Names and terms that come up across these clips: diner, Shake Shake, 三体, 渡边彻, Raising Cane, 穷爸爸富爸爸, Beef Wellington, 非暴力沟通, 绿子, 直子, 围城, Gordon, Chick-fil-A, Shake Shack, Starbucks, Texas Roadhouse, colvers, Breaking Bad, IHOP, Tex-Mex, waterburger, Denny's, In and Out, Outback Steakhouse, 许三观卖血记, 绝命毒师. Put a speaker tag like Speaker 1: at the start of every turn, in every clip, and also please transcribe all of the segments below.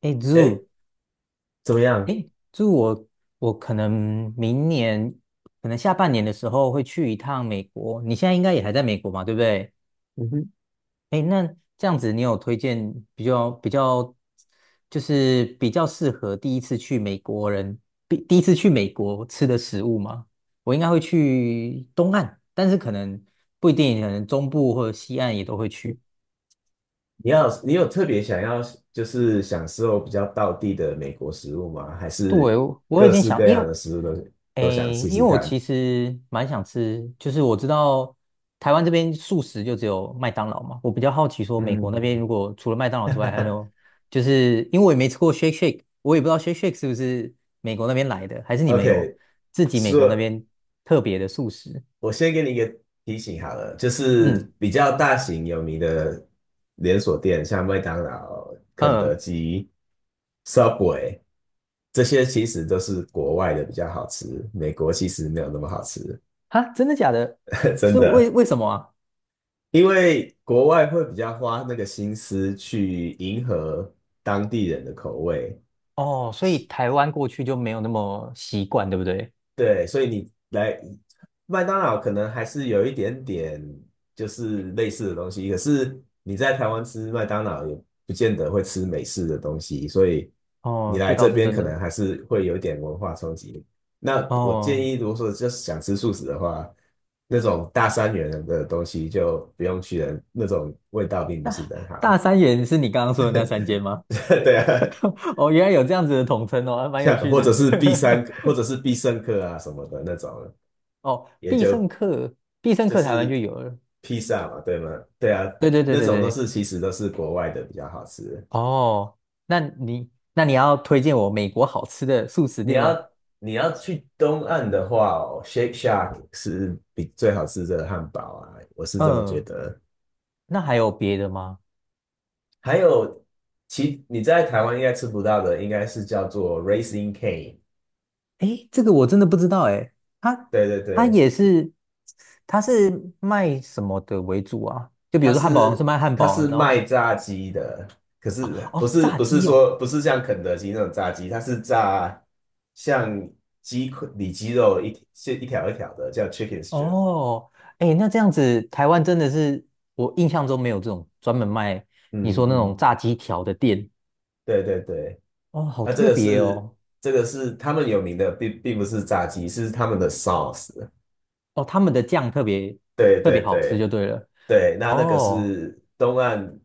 Speaker 1: 哎
Speaker 2: 哎，
Speaker 1: ，Zoo，
Speaker 2: 怎么
Speaker 1: 哎
Speaker 2: 样？
Speaker 1: ，Zoo，我可能明年，可能下半年的时候会去一趟美国。你现在应该也还在美国嘛，对不对？
Speaker 2: 嗯哼，
Speaker 1: 哎，那这样子，你有推荐比较比较，就是比较适合第一次去美国人，第一次去美国吃的食物吗？我应该会去东岸，但是可能不一定，可能中部或者西岸也都会去。
Speaker 2: 你有特别想要就是享受比较道地的美国食物吗？还是
Speaker 1: 对，我有已
Speaker 2: 各
Speaker 1: 经
Speaker 2: 式
Speaker 1: 想，
Speaker 2: 各
Speaker 1: 因
Speaker 2: 样
Speaker 1: 为，
Speaker 2: 的食物都想
Speaker 1: 诶，
Speaker 2: 试
Speaker 1: 因为
Speaker 2: 试
Speaker 1: 我
Speaker 2: 看
Speaker 1: 其实蛮想吃，就是我知道台湾这边素食就只有麦当劳嘛，我比较好奇说美
Speaker 2: 嗯
Speaker 1: 国那边如果除了麦当劳之外，还没有，就是因为我也没吃过 Shake Shake，我也不知道 Shake Shake 是不是美国那边来的，还是你们有
Speaker 2: ？OK，
Speaker 1: 自己美国那
Speaker 2: 说，
Speaker 1: 边特别的素食？
Speaker 2: 我先给你一个提醒好了，就是
Speaker 1: 嗯
Speaker 2: 比较大型有名的连锁店，像麦当劳、肯德
Speaker 1: 嗯，
Speaker 2: 基、Subway 这些，其实都是国外的比较好吃，美国其实没有那么好吃，
Speaker 1: 哈，真的假的？
Speaker 2: 真
Speaker 1: 是为
Speaker 2: 的。
Speaker 1: 为什么啊？
Speaker 2: 因为国外会比较花那个心思去迎合当地人的口味，
Speaker 1: 哦，所以台湾过去就没有那么习惯，对不对？
Speaker 2: 对，所以你来麦当劳可能还是有一点点就是类似的东西，可是你在台湾吃麦当劳也不见得会吃美式的东西，所以你
Speaker 1: 哦，
Speaker 2: 来
Speaker 1: 这倒
Speaker 2: 这
Speaker 1: 是
Speaker 2: 边
Speaker 1: 真
Speaker 2: 可
Speaker 1: 的。
Speaker 2: 能还是会有一点文化冲击。那我建
Speaker 1: 哦，
Speaker 2: 议，如果说就是想吃素食的话，那种大三元的东西就不用去了，那种味道并不是很好。
Speaker 1: 大三元是你刚刚说的那三间吗？
Speaker 2: 对啊，
Speaker 1: 哦，原来有这样子的统称哦，还蛮有
Speaker 2: 像
Speaker 1: 趣
Speaker 2: 或
Speaker 1: 的。
Speaker 2: 者是必三或 者是必胜客啊什么的那种，
Speaker 1: 哦，
Speaker 2: 也
Speaker 1: 必胜
Speaker 2: 就
Speaker 1: 客，必胜
Speaker 2: 就
Speaker 1: 客台湾就
Speaker 2: 是
Speaker 1: 有了。
Speaker 2: 披萨嘛，对吗？对啊，
Speaker 1: 对对对
Speaker 2: 那
Speaker 1: 对
Speaker 2: 种都
Speaker 1: 对。
Speaker 2: 是其实都是国外的比较好吃。
Speaker 1: 哦，那你要推荐我美国好吃的素食
Speaker 2: 你
Speaker 1: 店吗？
Speaker 2: 要你要去东岸的话哦，Shake Shack 是比最好吃的汉堡啊，我是这么觉
Speaker 1: 嗯，
Speaker 2: 得。
Speaker 1: 那还有别的吗？
Speaker 2: 还有，你在台湾应该吃不到的，应该是叫做 Raising Cane。
Speaker 1: 诶，这个我真的不知道诶，它
Speaker 2: 对对
Speaker 1: 它
Speaker 2: 对，
Speaker 1: 也是，它是卖什么的为主啊？就比
Speaker 2: 它
Speaker 1: 如说汉堡王是
Speaker 2: 是
Speaker 1: 卖汉
Speaker 2: 它
Speaker 1: 堡，
Speaker 2: 是
Speaker 1: 然
Speaker 2: 卖
Speaker 1: 后
Speaker 2: 炸鸡的，可
Speaker 1: 哦
Speaker 2: 是不
Speaker 1: 哦
Speaker 2: 是
Speaker 1: 炸
Speaker 2: 不是
Speaker 1: 鸡哦，
Speaker 2: 说不是像肯德基那种炸鸡，它是炸像鸡块里脊肉一条一条的，叫 chicken strip。
Speaker 1: 哦，哎，那这样子，台湾真的是我印象中没有这种专门卖你
Speaker 2: 嗯
Speaker 1: 说那种
Speaker 2: 嗯，
Speaker 1: 炸鸡条的店
Speaker 2: 对对对，
Speaker 1: 哦，好
Speaker 2: 那这
Speaker 1: 特
Speaker 2: 个
Speaker 1: 别
Speaker 2: 是
Speaker 1: 哦，
Speaker 2: 这个是他们有名的，并不是炸鸡，是他们的 sauce。
Speaker 1: 哦，他们的酱特别
Speaker 2: 对
Speaker 1: 特
Speaker 2: 对
Speaker 1: 别好吃就
Speaker 2: 对
Speaker 1: 对了。
Speaker 2: 对，那个
Speaker 1: 哦
Speaker 2: 是东岸，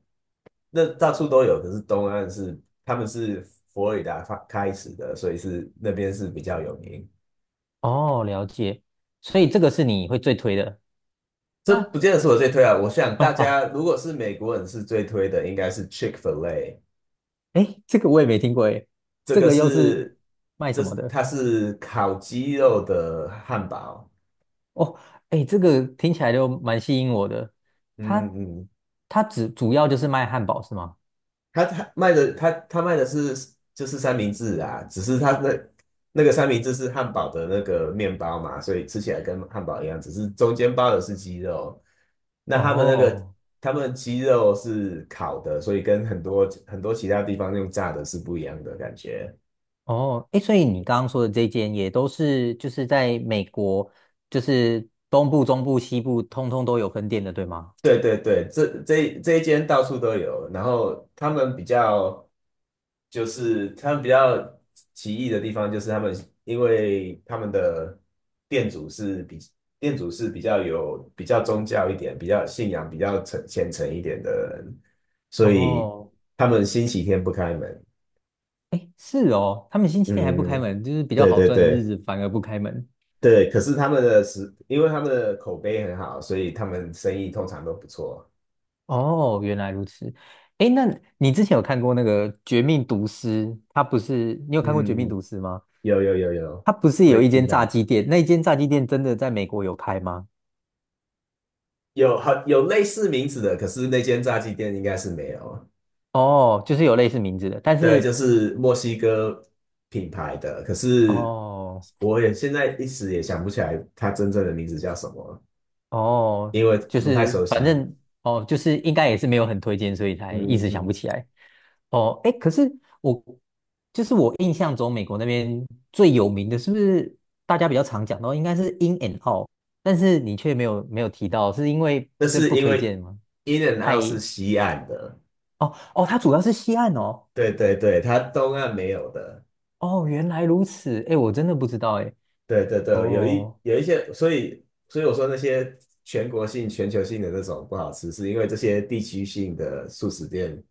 Speaker 2: 那到处都有，可是东岸是他们是佛罗里达开始的，所以是那边是比较有名。
Speaker 1: 哦，了解，所以这个是你会最推的。
Speaker 2: 这
Speaker 1: 那
Speaker 2: 不见得是我最推啊。我想
Speaker 1: 啊
Speaker 2: 大家
Speaker 1: 啊，
Speaker 2: 如果是美国人是最推的，应该是 Chick-fil-A。
Speaker 1: 哎，这个我也没听过哎，
Speaker 2: 这
Speaker 1: 这
Speaker 2: 个
Speaker 1: 个又是
Speaker 2: 是，
Speaker 1: 卖什么的？
Speaker 2: 它是烤鸡肉的汉堡。
Speaker 1: 哦，哎，这个听起来就蛮吸引我的。
Speaker 2: 嗯
Speaker 1: 它
Speaker 2: 嗯，
Speaker 1: 它只主要就是卖汉堡是吗？
Speaker 2: 它卖的是就是三明治啊，只是它的那个三明治是汉堡的那个面包嘛，所以吃起来跟汉堡一样，只是中间包的是鸡肉。那他们那个
Speaker 1: 哦。
Speaker 2: 他们鸡肉是烤的，所以跟很多很多其他地方用炸的是不一样的感觉。
Speaker 1: 哦，哎，所以你刚刚说的这间也都是就是在美国，就是东部、中部、西部，通通都有分店的，对吗？
Speaker 2: 对对对，这一间到处都有，然后他们比较奇异的地方，就是他们因为他们的店主是比店主是比较有比较宗教一点，比较信仰比较虔诚一点的人，所以
Speaker 1: 哦，
Speaker 2: 他们星期天不开门。
Speaker 1: 哎，是哦，他们星期天还不开
Speaker 2: 嗯，
Speaker 1: 门，就是比较
Speaker 2: 对
Speaker 1: 好
Speaker 2: 对
Speaker 1: 赚的日
Speaker 2: 对
Speaker 1: 子反而不开门。
Speaker 2: 对，可是他们的食，因为他们的口碑很好，所以他们生意通常都不错。
Speaker 1: 哦，原来如此。哎，那你之前有看过那个《绝命毒师》？他不是，你有看过《绝命
Speaker 2: 嗯，
Speaker 1: 毒师》吗？
Speaker 2: 有有有有
Speaker 1: 他不是有一
Speaker 2: ，Breaking
Speaker 1: 间炸
Speaker 2: Bad
Speaker 1: 鸡店，那一间炸鸡店真的在美国有开吗？
Speaker 2: 有类似名字的，可是那间炸鸡店应该是没有。
Speaker 1: 哦，就是有类似名字的，但
Speaker 2: 对，就
Speaker 1: 是
Speaker 2: 是墨西哥品牌的，可是
Speaker 1: 哦。
Speaker 2: 我也现在一时也想不起来它真正的名字叫什么，
Speaker 1: 哦，
Speaker 2: 因为
Speaker 1: 就
Speaker 2: 不太
Speaker 1: 是
Speaker 2: 熟
Speaker 1: 反
Speaker 2: 悉。
Speaker 1: 正哦，就是应该也是没有很推荐，所以才
Speaker 2: 嗯
Speaker 1: 一
Speaker 2: 嗯
Speaker 1: 直想不
Speaker 2: 嗯，
Speaker 1: 起来。哦，哎，可是我就是我印象中美国那边最有名的，是不是大家比较常讲到应该是 In and Out，但是你却没有提到，是因为
Speaker 2: 那
Speaker 1: 这
Speaker 2: 是
Speaker 1: 不
Speaker 2: 因
Speaker 1: 推
Speaker 2: 为
Speaker 1: 荐吗？
Speaker 2: In and
Speaker 1: 太
Speaker 2: Out 是西岸的，
Speaker 1: 哦哦，它主要是西岸哦。
Speaker 2: 对对对，它东岸没有的。
Speaker 1: 哦，原来如此，哎，我真的不知道哎。
Speaker 2: 对对对，
Speaker 1: 哦，
Speaker 2: 有一些，所以我说那些全国性、全球性的那种不好吃，是因为这些地区性的素食店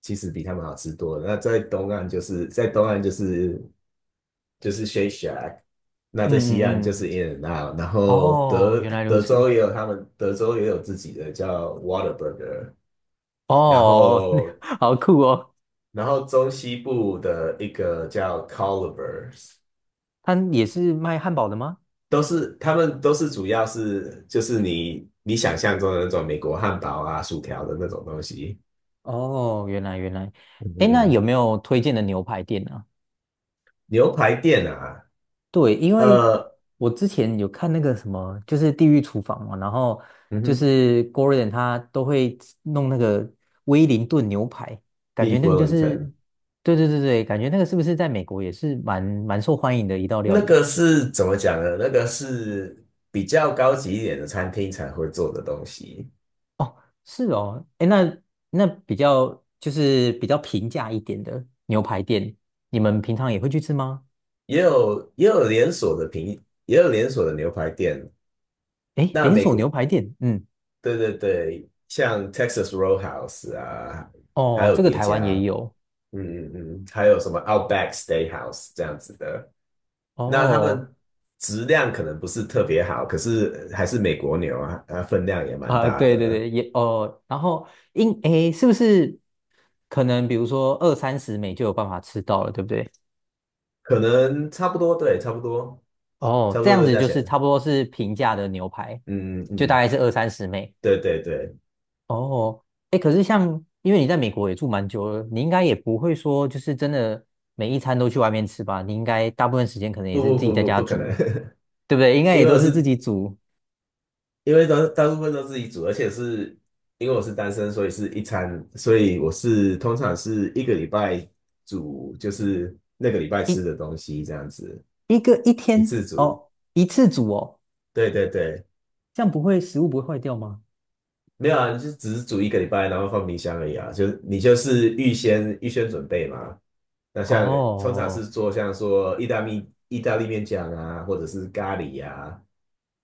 Speaker 2: 其实比他们好吃多了。那在东岸就是 Shake Shack，那在西岸
Speaker 1: 嗯嗯
Speaker 2: 就是
Speaker 1: 嗯，
Speaker 2: In and Out，然后
Speaker 1: 哦，
Speaker 2: 德
Speaker 1: 原来如
Speaker 2: 德
Speaker 1: 此，
Speaker 2: 州也有他们德州也有自己的叫 Waterburger 然
Speaker 1: 哦，
Speaker 2: 后
Speaker 1: 好酷哦，
Speaker 2: 然后中西部的一个叫 Colvers
Speaker 1: 他也是卖汉堡的吗？
Speaker 2: 他们都是主要是就是你想象中的那种美国汉堡啊、薯条的那种东西。
Speaker 1: 哦，原来原来，
Speaker 2: 嗯
Speaker 1: 哎，
Speaker 2: 嗯
Speaker 1: 那
Speaker 2: 嗯
Speaker 1: 有没有推荐的牛排店啊？
Speaker 2: 牛排店啊，
Speaker 1: 对，因为
Speaker 2: 呃，
Speaker 1: 我之前有看那个什么，就是《地狱厨房》嘛，然后
Speaker 2: 嗯
Speaker 1: 就
Speaker 2: 哼
Speaker 1: 是 Gordon 他都会弄那个威灵顿牛排，感觉
Speaker 2: ，Beef
Speaker 1: 那个就是，
Speaker 2: Wellington
Speaker 1: 对对对对，感觉那个是不是在美国也是蛮受欢迎的一道料
Speaker 2: 那
Speaker 1: 理？
Speaker 2: 个是怎么讲呢？那个是比较高级一点的餐厅才会做的东西，
Speaker 1: 哦，是哦，哎，那那比较就是比较平价一点的牛排店，你们平常也会去吃吗？
Speaker 2: 也有也有连锁的平，也有连锁的牛排店。
Speaker 1: 诶，
Speaker 2: 那
Speaker 1: 连
Speaker 2: 美
Speaker 1: 锁牛
Speaker 2: 国，
Speaker 1: 排店，嗯，
Speaker 2: 对对对，像 Texas Roadhouse 啊，还
Speaker 1: 哦，
Speaker 2: 有
Speaker 1: 这个
Speaker 2: 别
Speaker 1: 台湾
Speaker 2: 家，
Speaker 1: 也有，
Speaker 2: 嗯嗯嗯，嗯还有什么 Outback Steakhouse 这样子的，那他
Speaker 1: 哦，
Speaker 2: 们质量可能不是特别好，可是还是美国牛啊，啊分量也蛮
Speaker 1: 啊，
Speaker 2: 大
Speaker 1: 对对
Speaker 2: 的，
Speaker 1: 对，也哦，然后是不是可能比如说二三十美就有办法吃到了，对不对？
Speaker 2: 可能差不多，对，差不多，
Speaker 1: 哦，
Speaker 2: 差不
Speaker 1: 这
Speaker 2: 多
Speaker 1: 样
Speaker 2: 的
Speaker 1: 子
Speaker 2: 价
Speaker 1: 就是
Speaker 2: 钱。
Speaker 1: 差不多是平价的牛排，
Speaker 2: 嗯嗯
Speaker 1: 就大
Speaker 2: 嗯，
Speaker 1: 概是二三十美。
Speaker 2: 对对对，
Speaker 1: 哦，哎，可是像因为你在美国也住蛮久了，你应该也不会说就是真的每一餐都去外面吃吧？你应该大部分时间可能也
Speaker 2: 不
Speaker 1: 是
Speaker 2: 不
Speaker 1: 自己
Speaker 2: 不
Speaker 1: 在
Speaker 2: 不
Speaker 1: 家
Speaker 2: 不可能，
Speaker 1: 煮，对不对？应 该
Speaker 2: 因
Speaker 1: 也
Speaker 2: 为
Speaker 1: 都
Speaker 2: 我
Speaker 1: 是自
Speaker 2: 是
Speaker 1: 己煮。
Speaker 2: 因为都大部分都自己煮，而且是因为我是单身，所以是一餐，所以我是通常是一个礼拜煮，就是那个礼拜吃的东西这样子，
Speaker 1: 一个一
Speaker 2: 一
Speaker 1: 天
Speaker 2: 次煮。
Speaker 1: 哦，一次煮哦，
Speaker 2: 对对对，
Speaker 1: 这样不会食物不会坏掉吗？
Speaker 2: 没有啊，你就只是煮一个礼拜，然后放冰箱而已啊，就是你就是预先准备嘛。那像通常
Speaker 1: 哦，
Speaker 2: 是做像说意大利面酱啊，或者是咖喱呀、啊，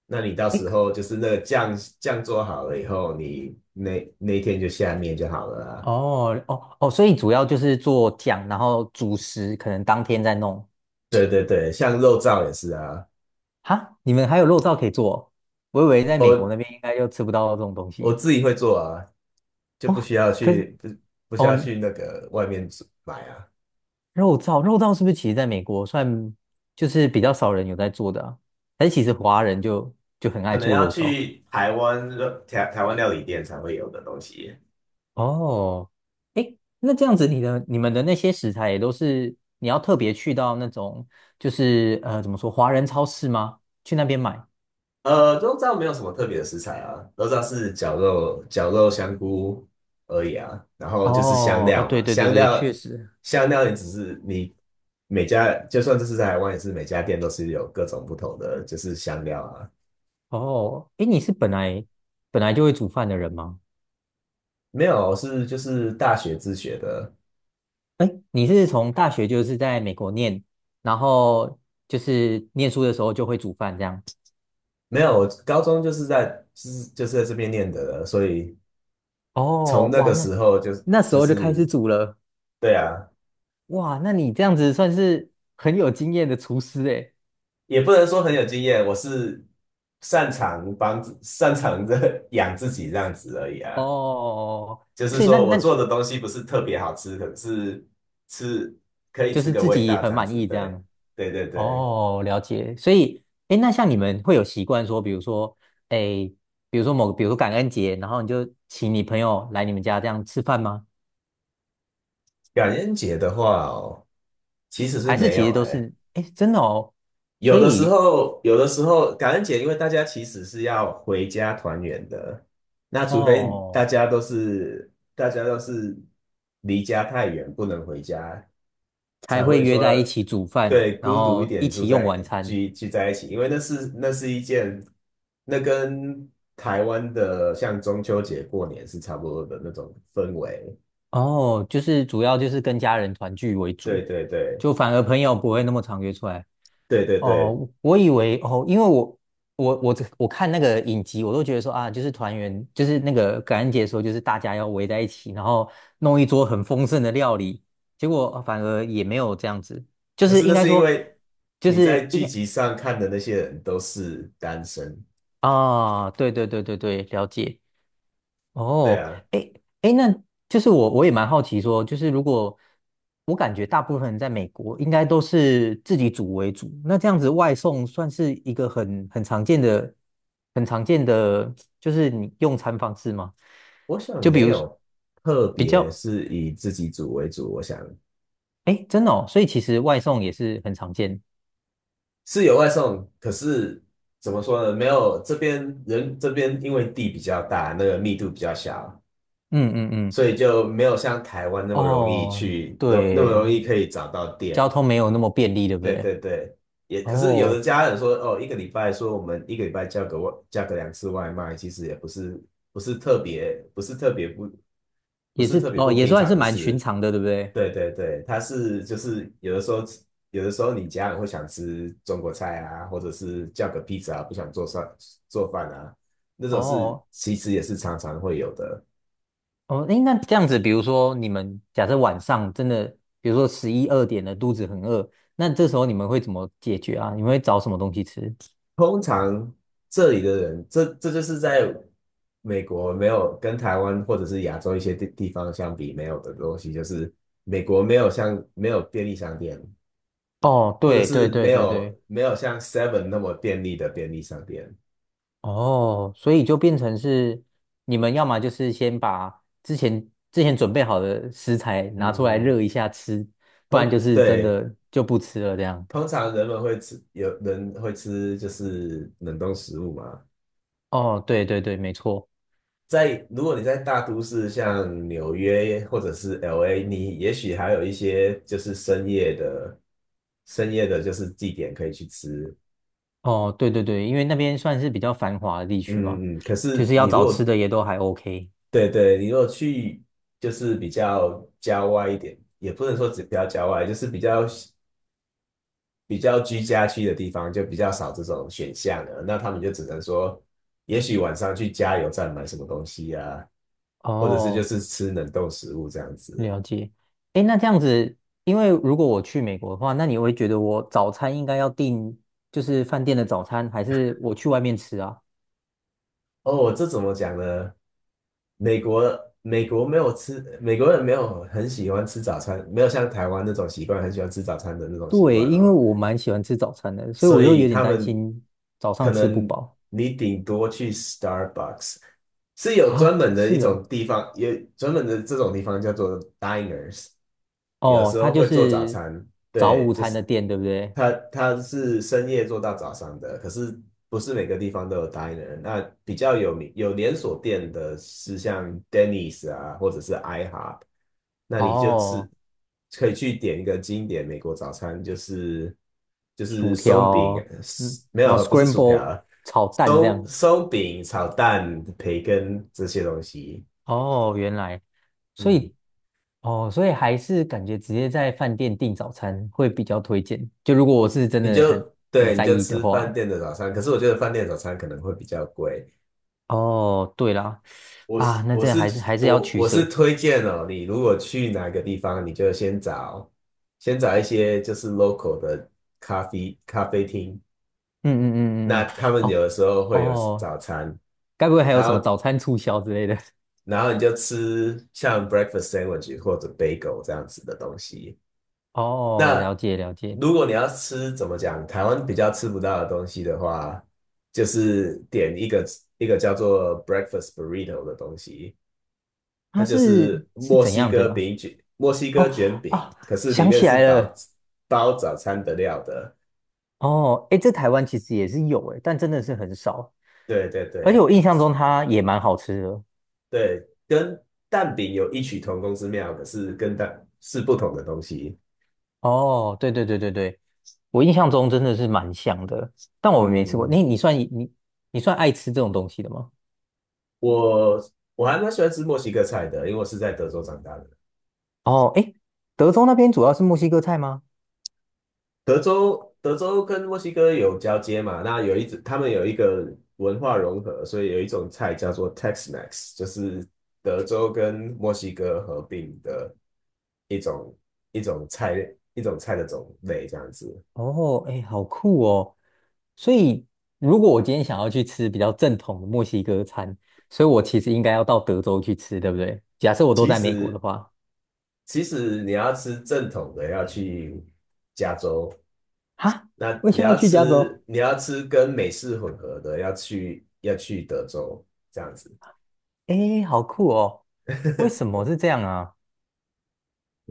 Speaker 2: 那你到
Speaker 1: 哎，
Speaker 2: 时候就是那个酱做好了以后，你那一天就下面就好了啊。
Speaker 1: 哦哦哦，所以主要就是做酱，然后主食可能当天再弄。
Speaker 2: 对对对，像肉燥也是啊，
Speaker 1: 哈，你们还有肉燥可以做哦。我以为在
Speaker 2: 我
Speaker 1: 美国那边应该就吃不到这种东
Speaker 2: 我
Speaker 1: 西。
Speaker 2: 自己会做啊，就不
Speaker 1: 哦。
Speaker 2: 需要
Speaker 1: 可是
Speaker 2: 去不不需
Speaker 1: 哦，
Speaker 2: 要去那个外面煮买啊。
Speaker 1: 肉燥是不是其实在美国算就是比较少人有在做的啊？还是其实华人就很
Speaker 2: 可
Speaker 1: 爱
Speaker 2: 能
Speaker 1: 做
Speaker 2: 要
Speaker 1: 肉燥？
Speaker 2: 去台湾台湾料理店才会有的东西。
Speaker 1: 哦，诶，那这样子，你们的那些食材也都是你要特别去到那种，就是怎么说，华人超市吗？去那边买？
Speaker 2: 知道没有什么特别的食材啊，都知道是绞肉、香菇而已啊。然后就是香
Speaker 1: 哦，啊，
Speaker 2: 料
Speaker 1: 对
Speaker 2: 嘛，
Speaker 1: 对对
Speaker 2: 香
Speaker 1: 对，确
Speaker 2: 料
Speaker 1: 实。
Speaker 2: 香料也只是你每家，就算这是在台湾，也是每家店都是有各种不同的就是香料啊。
Speaker 1: 哦，诶，你是本来就会煮饭的人吗？
Speaker 2: 没有，是就是大学自学的，
Speaker 1: 诶，你是从大学就是在美国念，然后就是念书的时候就会煮饭这样？
Speaker 2: 没有，我高中就是在就是在这边念的了所以
Speaker 1: 哦，
Speaker 2: 从那
Speaker 1: 哇，
Speaker 2: 个
Speaker 1: 那
Speaker 2: 时候就
Speaker 1: 那时
Speaker 2: 就
Speaker 1: 候就开始
Speaker 2: 是
Speaker 1: 煮了，
Speaker 2: 对啊。
Speaker 1: 哇，那你这样子算是很有经验的厨师诶。
Speaker 2: 也不能说很有经验，我是擅长的 养自己这样子而已啊。
Speaker 1: 哦，
Speaker 2: 就是
Speaker 1: 所以那
Speaker 2: 说我做的东西不是特别好吃，可是吃可以
Speaker 1: 就
Speaker 2: 吃
Speaker 1: 是
Speaker 2: 个
Speaker 1: 自
Speaker 2: 味
Speaker 1: 己
Speaker 2: 道这
Speaker 1: 很
Speaker 2: 样
Speaker 1: 满
Speaker 2: 子。
Speaker 1: 意这
Speaker 2: 对，
Speaker 1: 样。
Speaker 2: 对对对。
Speaker 1: 哦，了解。所以，哎，那像你们会有习惯说，比如说，哎，比如说感恩节，然后你就请你朋友来你们家这样吃饭吗？
Speaker 2: 感恩节的话哦，其实是
Speaker 1: 还是
Speaker 2: 没
Speaker 1: 其
Speaker 2: 有
Speaker 1: 实都
Speaker 2: 诶。
Speaker 1: 是，哎，真的哦，所
Speaker 2: 有的时
Speaker 1: 以
Speaker 2: 候，有的时候感恩节，因为大家其实是要回家团圆的，那除非大
Speaker 1: 哦，
Speaker 2: 家都是大家都是离家太远不能回家。
Speaker 1: 才
Speaker 2: 才
Speaker 1: 会
Speaker 2: 会
Speaker 1: 约
Speaker 2: 说
Speaker 1: 在一起煮饭，
Speaker 2: 对
Speaker 1: 然
Speaker 2: 孤独一
Speaker 1: 后一
Speaker 2: 点住
Speaker 1: 起用晚
Speaker 2: 在
Speaker 1: 餐。
Speaker 2: 聚在一起，因为那是一件，那跟台湾的像中秋节过年是差不多的那种氛围。
Speaker 1: 哦，就是主要就是跟家人团聚为主，
Speaker 2: 对对对
Speaker 1: 就反而朋友不会那么常约出来。
Speaker 2: 对对对，
Speaker 1: 哦，我以为哦，因为我我我这我看那个影集，我都觉得说啊，就是团圆，就是那个感恩节的时候，就是大家要围在一起，然后弄一桌很丰盛的料理，结果反而也没有这样子，就
Speaker 2: 可
Speaker 1: 是
Speaker 2: 是
Speaker 1: 应
Speaker 2: 那
Speaker 1: 该
Speaker 2: 是因
Speaker 1: 说，
Speaker 2: 为
Speaker 1: 就
Speaker 2: 你在
Speaker 1: 是应
Speaker 2: 剧
Speaker 1: 该
Speaker 2: 集上看的那些人都是单身，
Speaker 1: 啊，对对对对对，了解。
Speaker 2: 对
Speaker 1: 哦，
Speaker 2: 啊，
Speaker 1: 诶诶，那就是我也蛮好奇说，就是如果我感觉大部分人在美国应该都是自己煮为主，那这样子外送算是一个很常见的，就是你用餐方式吗？
Speaker 2: 我想
Speaker 1: 就比
Speaker 2: 没
Speaker 1: 如
Speaker 2: 有特
Speaker 1: 比
Speaker 2: 别
Speaker 1: 较，
Speaker 2: 是以自己组为主，我想。
Speaker 1: 诶，真的哦，所以其实外送也是很常见。
Speaker 2: 是有外送，可是怎么说呢？没有这边因为地比较大，那个密度比较小，
Speaker 1: 嗯嗯嗯，
Speaker 2: 所以就没有像台湾那么容易
Speaker 1: 哦，
Speaker 2: 去，那么
Speaker 1: 对，
Speaker 2: 容易可以找到
Speaker 1: 交
Speaker 2: 店。
Speaker 1: 通没有那么便利，对不
Speaker 2: 对
Speaker 1: 对？
Speaker 2: 对对，也可是有的
Speaker 1: 哦，
Speaker 2: 家人说，哦，一个礼拜说我们一个礼拜叫个叫个2次外卖，其实也不是不是特别不是特别不不
Speaker 1: 也
Speaker 2: 是
Speaker 1: 是，
Speaker 2: 特别
Speaker 1: 哦，
Speaker 2: 不
Speaker 1: 也
Speaker 2: 平
Speaker 1: 算是
Speaker 2: 常的
Speaker 1: 蛮寻
Speaker 2: 事。
Speaker 1: 常的，对不对？
Speaker 2: 对对对，他是就是有的时候你家人会想吃中国菜啊，或者是叫个披萨啊不想做饭啊，那种事
Speaker 1: 哦，
Speaker 2: 其实也是常常会有的。
Speaker 1: 哦，诶，那这样子，比如说你们假设晚上真的，比如说十一二点了，肚子很饿，那这时候你们会怎么解决啊？你们会找什么东西吃？
Speaker 2: 通常这里的人，这就是在美国没有跟台湾或者是亚洲一些地方相比没有的东西，就是美国没有便利商店，
Speaker 1: 哦，
Speaker 2: 或者
Speaker 1: 对对
Speaker 2: 是
Speaker 1: 对
Speaker 2: 没
Speaker 1: 对对，
Speaker 2: 有没有像 Seven 那么便利的便利商店。
Speaker 1: 哦，所以就变成是你们要么就是先把之前准备好的食材拿出来
Speaker 2: 嗯，
Speaker 1: 热一下吃，不然
Speaker 2: 通
Speaker 1: 就是真
Speaker 2: 对，
Speaker 1: 的就不吃了这样。
Speaker 2: 通常人们会吃，有人会吃就是冷冻食物嘛。
Speaker 1: 哦，对对对，没错。
Speaker 2: 如果你在大都市，像纽约或者是 LA,你也许还有一些就是深夜的就是地点可以去吃。
Speaker 1: 哦，对对对，因为那边算是比较繁华的地区嘛，
Speaker 2: 嗯可
Speaker 1: 就
Speaker 2: 是
Speaker 1: 是要
Speaker 2: 你如
Speaker 1: 找吃
Speaker 2: 果
Speaker 1: 的也都还 OK。
Speaker 2: 对对，你如果去就是比较郊外一点，也不能说只比较郊外，就是比较居家区的地方，就比较少这种选项了。那他们就只能说，也许晚上去加油站买什么东西啊，或者是就
Speaker 1: 哦，
Speaker 2: 是吃冷冻食物这样子。
Speaker 1: 了解，诶，那这样子，因为如果我去美国的话，那你会觉得我早餐应该要订就是饭店的早餐，还是我去外面吃啊？
Speaker 2: 哦，这怎么讲呢？美国没有吃，美国人没有很喜欢吃早餐，没有像台湾那种习惯，很喜欢吃早餐的那种习
Speaker 1: 对，
Speaker 2: 惯
Speaker 1: 因为
Speaker 2: 哦。
Speaker 1: 我蛮喜欢吃早餐的，所以我
Speaker 2: 所
Speaker 1: 又
Speaker 2: 以
Speaker 1: 有点
Speaker 2: 他
Speaker 1: 担
Speaker 2: 们
Speaker 1: 心早
Speaker 2: 可
Speaker 1: 上吃不
Speaker 2: 能
Speaker 1: 饱
Speaker 2: 你顶多去 Starbucks,是有专
Speaker 1: 啊。
Speaker 2: 门的一
Speaker 1: 是
Speaker 2: 种
Speaker 1: 哦，
Speaker 2: 地方，有专门的这种地方叫做 diners,有的
Speaker 1: 哦，
Speaker 2: 时
Speaker 1: 它
Speaker 2: 候
Speaker 1: 就
Speaker 2: 会做早
Speaker 1: 是
Speaker 2: 餐。
Speaker 1: 早
Speaker 2: 对，
Speaker 1: 午
Speaker 2: 就
Speaker 1: 餐
Speaker 2: 是
Speaker 1: 的店，对不对？
Speaker 2: 他是深夜做到早上的，可是不是每个地方都有 diner。那比较有名有连锁店的是像 Denny's 啊，或者是 IHOP,那你就吃
Speaker 1: 哦，
Speaker 2: 可以去点一个经典美国早餐，就是就是
Speaker 1: 薯
Speaker 2: 松饼，
Speaker 1: 条，嗯，
Speaker 2: 没
Speaker 1: 然后
Speaker 2: 有不是薯条
Speaker 1: scramble
Speaker 2: 啊，
Speaker 1: 炒蛋这
Speaker 2: 松
Speaker 1: 样。
Speaker 2: 松饼炒蛋、培根这些东西，
Speaker 1: 哦，原来，所
Speaker 2: 嗯。
Speaker 1: 以哦，所以还是感觉直接在饭店订早餐会比较推荐。就如果我是真
Speaker 2: 你
Speaker 1: 的很
Speaker 2: 就
Speaker 1: 很
Speaker 2: 对，你
Speaker 1: 在
Speaker 2: 就
Speaker 1: 意的
Speaker 2: 吃饭
Speaker 1: 话，
Speaker 2: 店的早餐。可是我觉得饭店的早餐可能会比较贵。
Speaker 1: 哦，对啦，
Speaker 2: 我是
Speaker 1: 啊，那
Speaker 2: 我
Speaker 1: 这样
Speaker 2: 是
Speaker 1: 还是要
Speaker 2: 我
Speaker 1: 取
Speaker 2: 我是
Speaker 1: 舍。
Speaker 2: 推荐哦，你如果去哪个地方，你就先找先找一些就是 local 的咖啡厅,
Speaker 1: 嗯嗯嗯嗯
Speaker 2: 那
Speaker 1: 嗯，
Speaker 2: 他们有
Speaker 1: 哦
Speaker 2: 的时候会有
Speaker 1: 哦，
Speaker 2: 早餐，
Speaker 1: 该不会还有
Speaker 2: 然
Speaker 1: 什么
Speaker 2: 后
Speaker 1: 早餐促销之类的？
Speaker 2: 你就吃像 breakfast sandwich 或者 bagel 这样子的东西。
Speaker 1: 哦，了
Speaker 2: 那
Speaker 1: 解了解，
Speaker 2: 如果你要吃，怎么讲，台湾比较吃不到的东西的话，就是点一个一个叫做 breakfast burrito 的东西，它
Speaker 1: 它
Speaker 2: 就
Speaker 1: 是
Speaker 2: 是
Speaker 1: 是
Speaker 2: 墨
Speaker 1: 怎
Speaker 2: 西
Speaker 1: 样
Speaker 2: 哥
Speaker 1: 的啊？
Speaker 2: 饼卷，墨西哥
Speaker 1: 哦，
Speaker 2: 卷饼，
Speaker 1: 啊，
Speaker 2: 可是里
Speaker 1: 想
Speaker 2: 面
Speaker 1: 起
Speaker 2: 是
Speaker 1: 来
Speaker 2: 包
Speaker 1: 了，
Speaker 2: 包早餐的料的。
Speaker 1: 哦，诶，这台湾其实也是有诶，但真的是很少，
Speaker 2: 对对
Speaker 1: 而且
Speaker 2: 对
Speaker 1: 我印象中它也蛮好吃的。
Speaker 2: 对，跟蛋饼有异曲同工之妙，可是跟蛋是不同的东西。
Speaker 1: 哦，对对对对对，我印象中真的是蛮像的，但我没吃过。
Speaker 2: 嗯，
Speaker 1: 你算爱吃这种东西的吗？
Speaker 2: 我我还蛮喜欢吃墨西哥菜的，因为我是在德州长大的。
Speaker 1: 哦，诶，德州那边主要是墨西哥菜吗？
Speaker 2: 德州跟墨西哥有交接嘛，那有一他们有一个文化融合，所以有一种菜叫做 Tex-Mex,就是德州跟墨西哥合并的一种一种菜的种类这样子。
Speaker 1: 哦，诶，好酷哦！所以如果我今天想要去吃比较正统的墨西哥餐，所以我其实应该要到德州去吃，对不对？假设我都
Speaker 2: 其
Speaker 1: 在美国的
Speaker 2: 实
Speaker 1: 话，
Speaker 2: 你要吃正统的，要去加州；
Speaker 1: 哈，
Speaker 2: 那
Speaker 1: 为
Speaker 2: 你
Speaker 1: 什么要
Speaker 2: 要
Speaker 1: 去加
Speaker 2: 吃
Speaker 1: 州？
Speaker 2: 跟美式混合的，要去德州这样子。
Speaker 1: 诶，好酷哦！为什么是这样啊？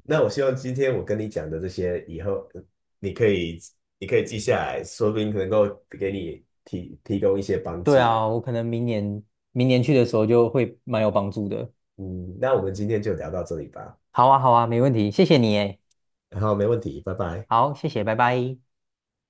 Speaker 2: 那我希望今天我跟你讲的这些，以后你可以记下来，说不定能够给你提供一些帮
Speaker 1: 对
Speaker 2: 助。
Speaker 1: 啊，我可能明年去的时候就会蛮有帮助的。
Speaker 2: 嗯，那我们今天就聊到这里吧。
Speaker 1: 好啊，好啊，没问题，谢谢你诶。
Speaker 2: 好，没问题，拜拜。
Speaker 1: 好，谢谢，拜拜。